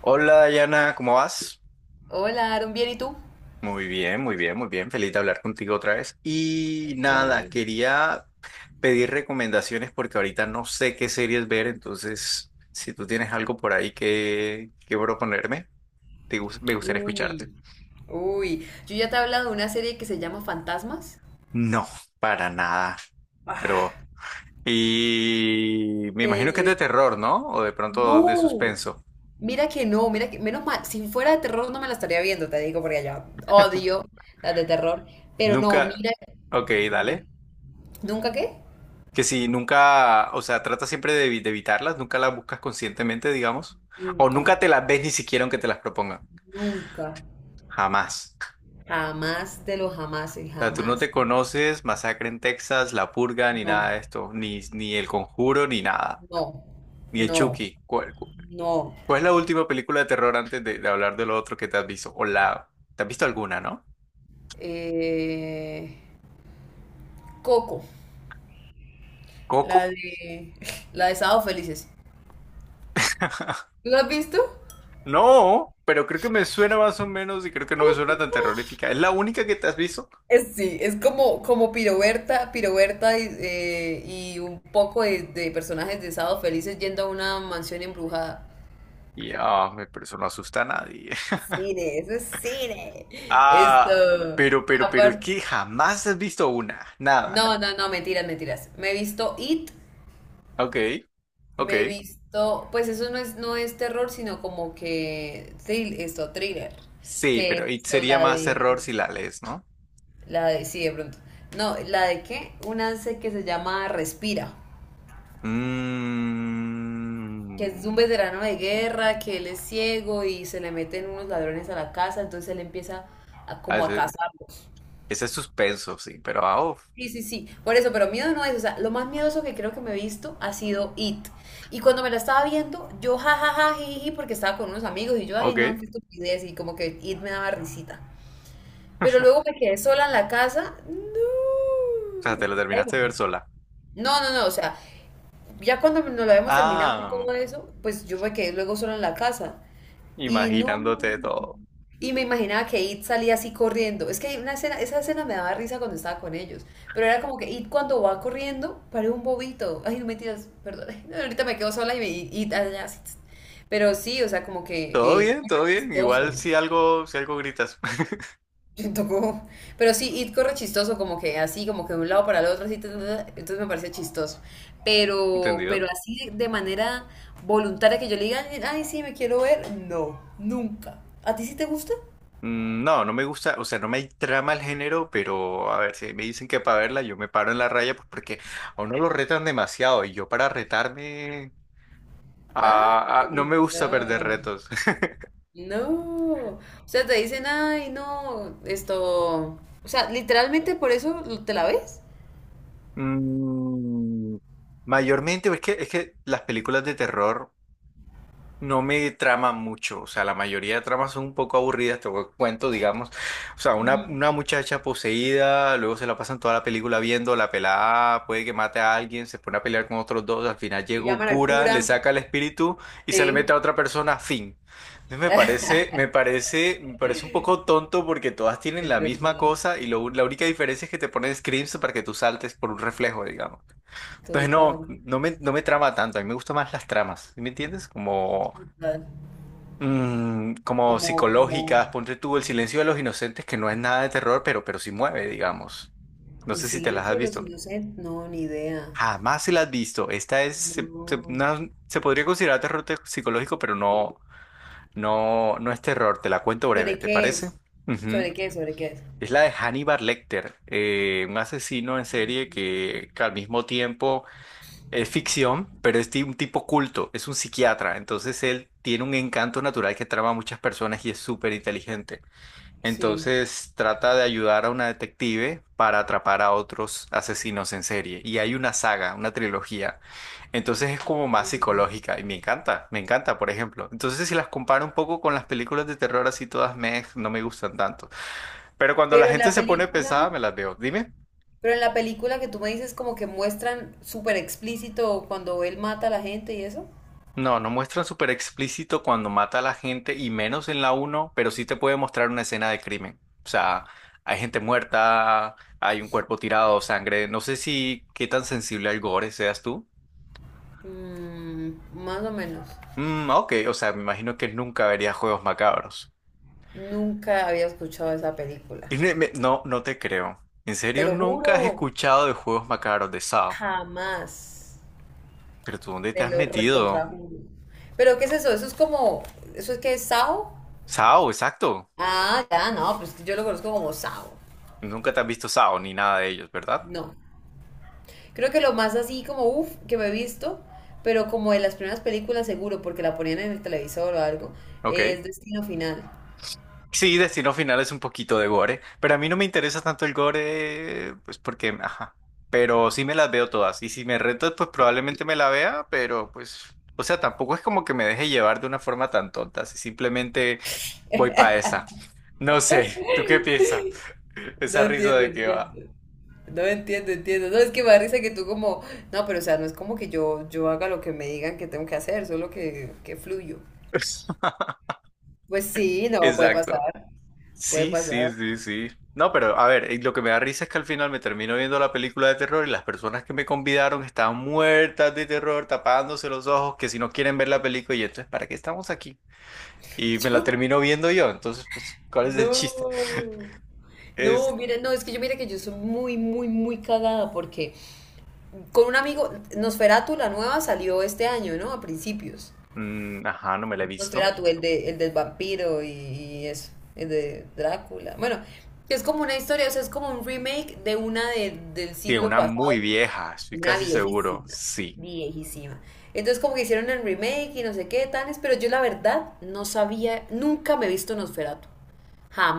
Hola Dayana, ¿cómo vas? Hola, Aaron, ¿bien y tú? Muy bien, muy bien, muy bien. Feliz de hablar contigo otra vez. Y nada, quería pedir recomendaciones porque ahorita no sé qué series ver, entonces si tú tienes algo por ahí que proponerme, me gustaría escucharte. Uy, Uy, yo ya te he hablado de una serie que se llama Fantasmas. No, para nada, pero... Ah, Y me imagino que es de serie. terror, ¿no? O de pronto de No. suspenso. Mira que no, mira que, menos mal, si fuera de terror no me la estaría viendo, te digo, porque ya odio las de terror. Pero no, Nunca... mira, Ok, dale. dime, ¿nunca qué? Que si nunca, o sea, trata siempre de evitarlas, nunca las buscas conscientemente, digamos, o Nunca, nunca te las ves ni siquiera aunque te las propongan, nunca. jamás. Jamás de los jamases, O sea, tú no te jamás, jamás. conoces Masacre en Texas, La Purga, ni No, nada de esto, ni El Conjuro, ni nada, no, ni el no, Chucky. ¿Cuál, cu- no. cuál es la última película de terror antes de hablar de lo otro que te has visto? O la, ¿te has visto alguna, no? Eh, Coco. ¿Coco? La de. La de Sábado Felices. ¿Tú la has visto? No, pero creo que me suena más o menos y creo que no me suena tan terrorífica. ¿Es la única que te has visto? Es, sí, es como Piroberta, Piroberta y un poco de personajes de Sábado Felices yendo a una mansión embrujada. Ya, pero eso no asusta a nadie. Cine, eso es cine. Ah, Esto. pero es Aparte. que jamás has visto una, nada. No, no, no, mentiras, mentiras. Me he visto It, Ok, ok. me he visto. Pues eso no es terror, sino como que... thriller. Sí, Que es pero y esto, sería la más de. error si la lees, ¿no? La de, sí, de pronto. No, ¿la de qué? Un ANSE que se llama Respira, que es un Mmm. veterano de guerra, que él es ciego y se le meten unos ladrones a la casa, entonces él empieza como a Ese, cazarlos. ese es suspenso, sí, pero ah, uf. Sí, sí, sí. Por eso, pero miedo no es, o sea, lo más miedoso que creo que me he visto ha sido It. Y cuando me la estaba viendo, yo jajaja, jiji, porque estaba con unos amigos y yo, ay, Ok, no, qué o estupidez, y como que It me daba risita. Pero luego me quedé sola en la casa. sea, No. te lo terminaste de ver sola. No, no, no, o sea, ya cuando nos lo habíamos terminado y Ah, todo eso, pues yo me quedé luego sola en la casa. Y no. imaginándote todo. Y me imaginaba que It salía así corriendo. Es que hay una escena, esa escena me daba risa cuando estaba con ellos. Pero era como que It cuando va corriendo, parece un bobito. Ay, no mentiras, perdón. No, ahorita me quedo sola y me. Y- It allá así. Pero sí, o sea, como ¿Todo que... bien? muy ¿Todo bien? Igual chistoso. si algo gritas. Le tocó. Pero sí, It corre chistoso, como que así, como que de un lado para el otro, así, ta, ta, ta, entonces me parece chistoso. Pero ¿Entendido? así de manera voluntaria que yo le diga, ay, sí, me quiero ver, no, nunca. ¿A ti sí te gusta? No, no me gusta, o sea, no me trama el género, pero a ver, si me dicen que para verla yo me paro en la raya, pues porque a uno lo retan demasiado y yo para retarme, no me Ay, gusta perder no, retos. no. O sea, te dicen, ay, no, esto. O sea, literalmente por eso te la ves. Mm, mayormente, es que las películas de terror no me trama mucho, o sea, la mayoría de tramas son un poco aburridas, te cuento, digamos, o sea, Ujú. una muchacha poseída, luego se la pasan toda la película viendo, la pelada puede que mate a alguien, se pone a pelear con otros dos, al final llega Y un llaman al cura, le cura. saca el espíritu y se le mete Sí, a otra persona, fin. Entonces me parece un poco tonto porque todas tienen es la misma verdad. cosa y la única diferencia es que te ponen screams para que tú saltes por un reflejo, digamos. Entonces Total, no, no me trama tanto, a mí me gustan más las tramas, ¿sí? ¿Me entiendes? Como total. mm, como Como, como, psicológicas, ponte tú El silencio de los inocentes, que no es nada de terror, pero sí mueve, digamos. No el sé si te las silencio has de los visto. inocentes, no, ni idea. Jamás si las has visto. Esta es, No. Se podría considerar terror psicológico, pero no, no, no es terror. Te la cuento breve, ¿Sobre ¿te qué parece? es? Ujú. ¿Sobre qué es? Es la de Hannibal Lecter, un asesino en serie que al mismo tiempo es ficción, pero es un tipo culto, es un psiquiatra, entonces él tiene un encanto natural que trama a muchas personas y es súper inteligente. Sí. Entonces trata de ayudar a una detective para atrapar a otros asesinos en serie. Y hay una saga, una trilogía. Entonces es como más Mm. psicológica y me encanta, por ejemplo. Entonces si las comparo un poco con las películas de terror así todas meh, no me gustan tanto. Pero cuando la Pero en gente la se pone película, pesada me las veo. Dime. pero en la película que tú me dices como que muestran súper explícito cuando él mata a la gente y eso. No, no muestran súper explícito cuando mata a la gente y menos en la uno, pero sí te puede mostrar una escena de crimen. O sea, hay gente muerta, hay un cuerpo tirado, sangre. No sé si qué tan sensible al gore seas tú. Mm, más o menos. Mm, ok, o sea, me imagino que nunca verías juegos macabros. Nunca había escuchado esa película. Y no, no te creo. ¿En Te serio lo nunca has juro, escuchado de juegos macabros de SAO? jamás. ¿Pero tú dónde te Te has lo metido? recontrajuro. Pero ¿qué es eso? Eso es como, ¿eso es que es Sao? SAO, exacto. Ah, ya, no, pues yo lo conozco como Sao. Nunca te has visto SAO ni nada de ellos, ¿verdad? No. Creo que lo más así como uff que me he visto, pero como en las primeras películas seguro, porque la ponían en el televisor o algo, Ok. es Destino Final. Sí, Destino Final es un poquito de gore, pero a mí no me interesa tanto el gore, pues porque, ajá, pero sí me las veo todas y si me reto, pues probablemente me la vea, pero pues, o sea, tampoco es como que me deje llevar de una forma tan tonta, si simplemente voy para esa. No sé, ¿tú qué piensas? No Esa risa entiendo, de que va. entiendo. No entiendo, entiendo. No, es que me da risa que tú como, no, pero o sea, no es como que yo haga lo que me digan que tengo que hacer, solo que fluyo. Pues sí, no, puede Exacto. pasar, puede Sí, sí, pasar. sí, sí. No, pero a ver, lo que me da risa es que al final me termino viendo la película de terror y las personas que me convidaron estaban muertas de terror, tapándose los ojos, que si no quieren ver la película, y entonces, ¿para qué estamos aquí? Y me la Yo, termino viendo yo, entonces, pues, ¿cuál es el chiste? no. No, Es, mira, no, es que yo mira que yo soy muy, muy, muy cagada porque con un amigo, Nosferatu, la nueva, salió este año, ¿no? A principios. Ajá, no me la he visto. Nosferatu, el del vampiro y eso, el de Drácula. Bueno, que es como una historia, o sea, es como un remake de una del Sí, siglo una muy pasado, vieja, estoy una casi seguro, viejísima, sí. viejísima. Entonces como que hicieron el remake y no sé qué, tales, pero yo la verdad no sabía, nunca me he visto Nosferatu,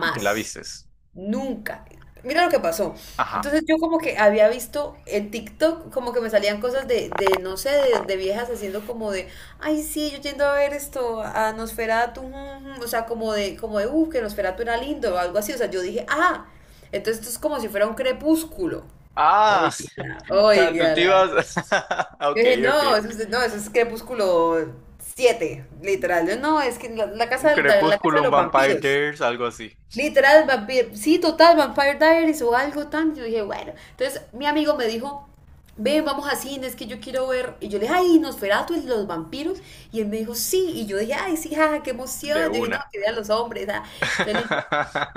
¿Y te la vistes? Nunca. Mira lo que pasó. Ajá. Entonces yo como que había visto en TikTok como que me salían cosas de no sé, de viejas haciendo como de, ay sí, yo yendo a ver esto, a Nosferatu, o sea, como de, que Nosferatu era lindo o algo así. O sea, yo dije, ah, entonces esto es como si fuera un crepúsculo. Ah, Oígala, o sea, tú te oígala. ibas... Yo Ok, dije, ok. no, eso es, no, eso es crepúsculo 7 literal. Yo, no, es que la Un casa, la casa crepúsculo, de un los Vampire vampiros. Diaries, algo así. Literal, sí, total, Vampire Diaries o algo tan. Yo dije, bueno. Entonces, mi amigo me dijo, ven, vamos a cine, es que yo quiero ver. Y yo le dije, ay, Nosferatu y los vampiros. Y él me dijo, sí. Y yo dije, ay, sí, jaja, qué emoción. De Yo dije, no, una. que vean los hombres. Ah. Entonces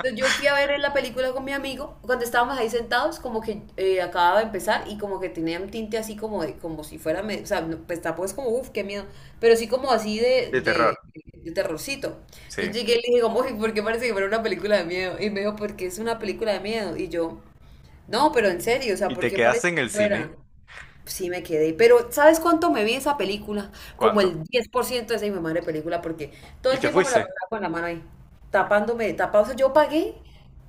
entonces, yo fui a ver la película con mi amigo, cuando estábamos ahí sentados, como que acababa de empezar y como que tenía un tinte así como de, como si fuera, o sea, no, pues tampoco es como, uff, qué miedo, pero sí como así de, De terror, de, de terrorcito. Entonces sí. llegué y le dije como, uy, ¿por qué parece que fuera una película de miedo? Y me dijo, porque es una película de miedo. Y yo, no, pero en serio, o sea, Y ¿por te qué quedaste parece en el que fuera? cine. Sí me quedé, pero ¿sabes cuánto me vi esa película? Como ¿Cuánto? el 10% de esa mi madre película, porque todo Y el te tiempo me la fuiste. pasaba con la mano ahí, tapándome, tapado. O sea, yo pagué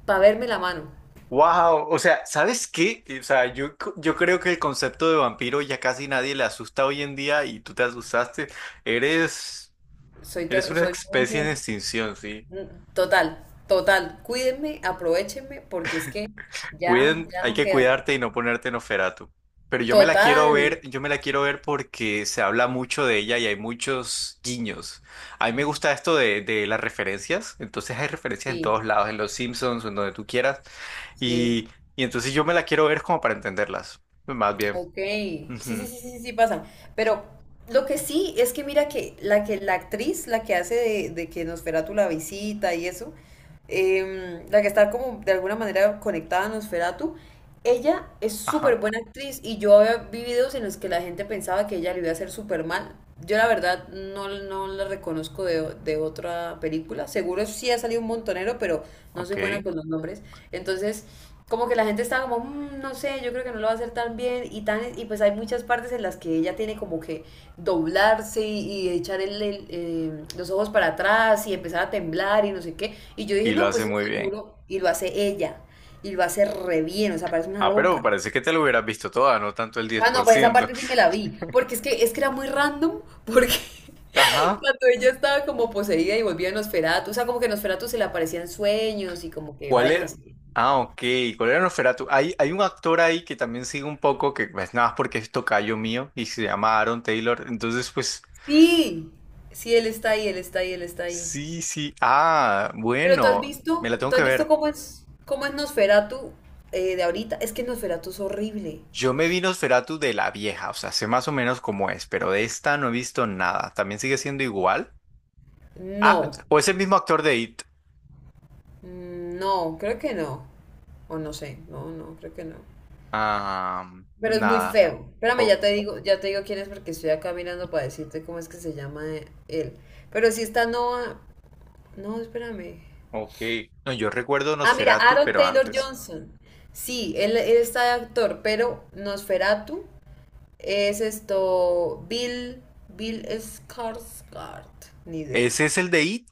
para verme la mano. Wow, o sea, ¿sabes qué? O sea, yo creo que el concepto de vampiro ya casi nadie le asusta hoy en día y tú te asustaste. Eres, Soy, eres ter- una soy especie muy- en extinción, sí. mm, total, total. Cuídenme, aprovechenme, porque es que ya, Cuiden, ya hay no que queda. cuidarte y no ponerte en Oferatu. Pero yo me la quiero Total, ver, yo me la quiero ver porque se habla mucho de ella y hay muchos guiños. A mí me gusta esto de las referencias. Entonces hay referencias en sí, todos lados, en los Simpsons, en donde tú quieras. sí. Y, y entonces yo me la quiero ver como para entenderlas. Más bien. Ok, sí, sí, sí, Ujú. sí, sí sí pasa. Pero lo que sí es que mira que la actriz, la que hace de que Nosferatu la visita y eso, la que está como de alguna manera conectada a Nosferatu, ella es súper Ajá, buena actriz y yo había vi videos en los que la gente pensaba que ella le iba a hacer súper mal. Yo la verdad no la reconozco de otra película. Seguro sí ha salido un montonero, pero no soy buena ok. con los nombres. Entonces como que la gente estaba como, "Mm, no sé, yo creo que no lo va a hacer tan bien y tan y pues hay muchas partes en las que ella tiene como que doblarse y echar el, los ojos para atrás y empezar a temblar y no sé qué. Y yo dije, Y lo no, hace pues eso muy bien. seguro y lo hace ella y lo hace re bien, o sea, parece una Ah, pero loca. parece que te lo hubieras visto toda, no tanto el diez Ah, no, por pues esa ciento. parte sí me la vi, porque es que era muy random, porque Ajá. cuando ella estaba como poseída y volvía en Nosferatu, o sea, como que Nosferatu se le aparecían sueños y como que ¿Cuál era? vainas así. Ah, ok. ¿Cuál era Nosferatu? Hay un actor ahí que también sigue un poco, que pues nada más porque es tocayo mío y se llama Aaron Taylor. Entonces, pues Sí, sí, él está ahí, él está ahí, él está ahí. sí, sí. Ah, Pero tú has bueno, me visto, la tengo tú que has visto ver. cómo es Nosferatu de ahorita. Es que Nosferatu es horrible. Yo me vi Nosferatu de la vieja, o sea, sé más o menos cómo es, pero de esta no he visto nada. ¿También sigue siendo igual? Ah, No, o es el mismo actor de It. No, creo que no. O no sé, no, no, creo que no. Ah, Pero es muy nada. feo. Espérame, O- ya te digo quién es porque estoy acá mirando para decirte cómo es que se llama él. Pero sí está Noah. No, espérame. ok. No, yo recuerdo Ah, mira, Nosferatu, Aaron pero Taylor antes. Johnson. Sí, él está de actor, pero Nosferatu. Es esto, Bill Skarsgård. Ni idea. ¿Ese es el de It?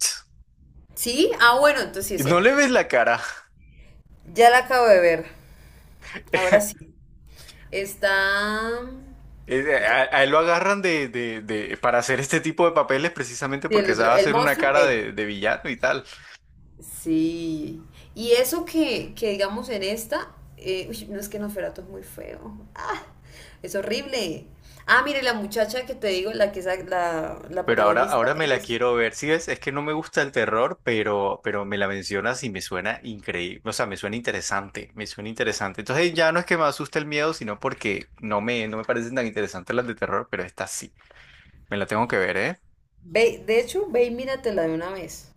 ¿Sí? Ah, bueno, entonces sí es ¿No él. le ves la cara? Ya la acabo de ver. Ahora sí. Está... Eh, eh, ¿Y qué? A, a él lo agarran para hacer este tipo de papeles precisamente Y el porque otro, sabe el hacer una monstruo, cara él. de villano y tal. Sí. Y eso que digamos en esta, uy, no es que Nosferatu es muy feo. Ah, es horrible. Ah, mire, la muchacha que te digo, la que es la Pero ahora, protagonista, ahora me la es... quiero ver. Si ves? Es que no me gusta el terror, pero me la mencionas y me suena increíble. O sea, me suena interesante. Me suena interesante. Entonces ya no es que me asuste el miedo, sino porque no me parecen tan interesantes las de terror, pero esta sí. Me la tengo que ver, ¿eh? Ve, de hecho, ve y míratela de una vez.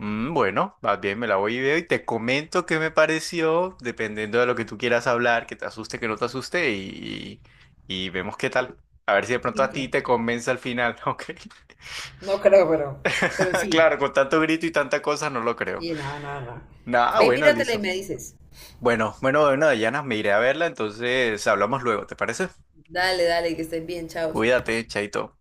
Bueno, más bien me la voy y veo y te comento qué me pareció, dependiendo de lo que tú quieras hablar, que te asuste, que no te asuste y, vemos qué tal. A ver si de pronto a Listo. ti te convence al final, ¿ok? No creo, pero sí. Claro, con tanto grito y tanta cosa no lo creo. Sí, no, no, no. Nada, Ve, y bueno, míratela y listo. me dices. Bueno, bueno, bueno, Dayana, me iré a verla, entonces hablamos luego, ¿te parece? Dale, dale, que estén bien, chao. Cuídate, chaito.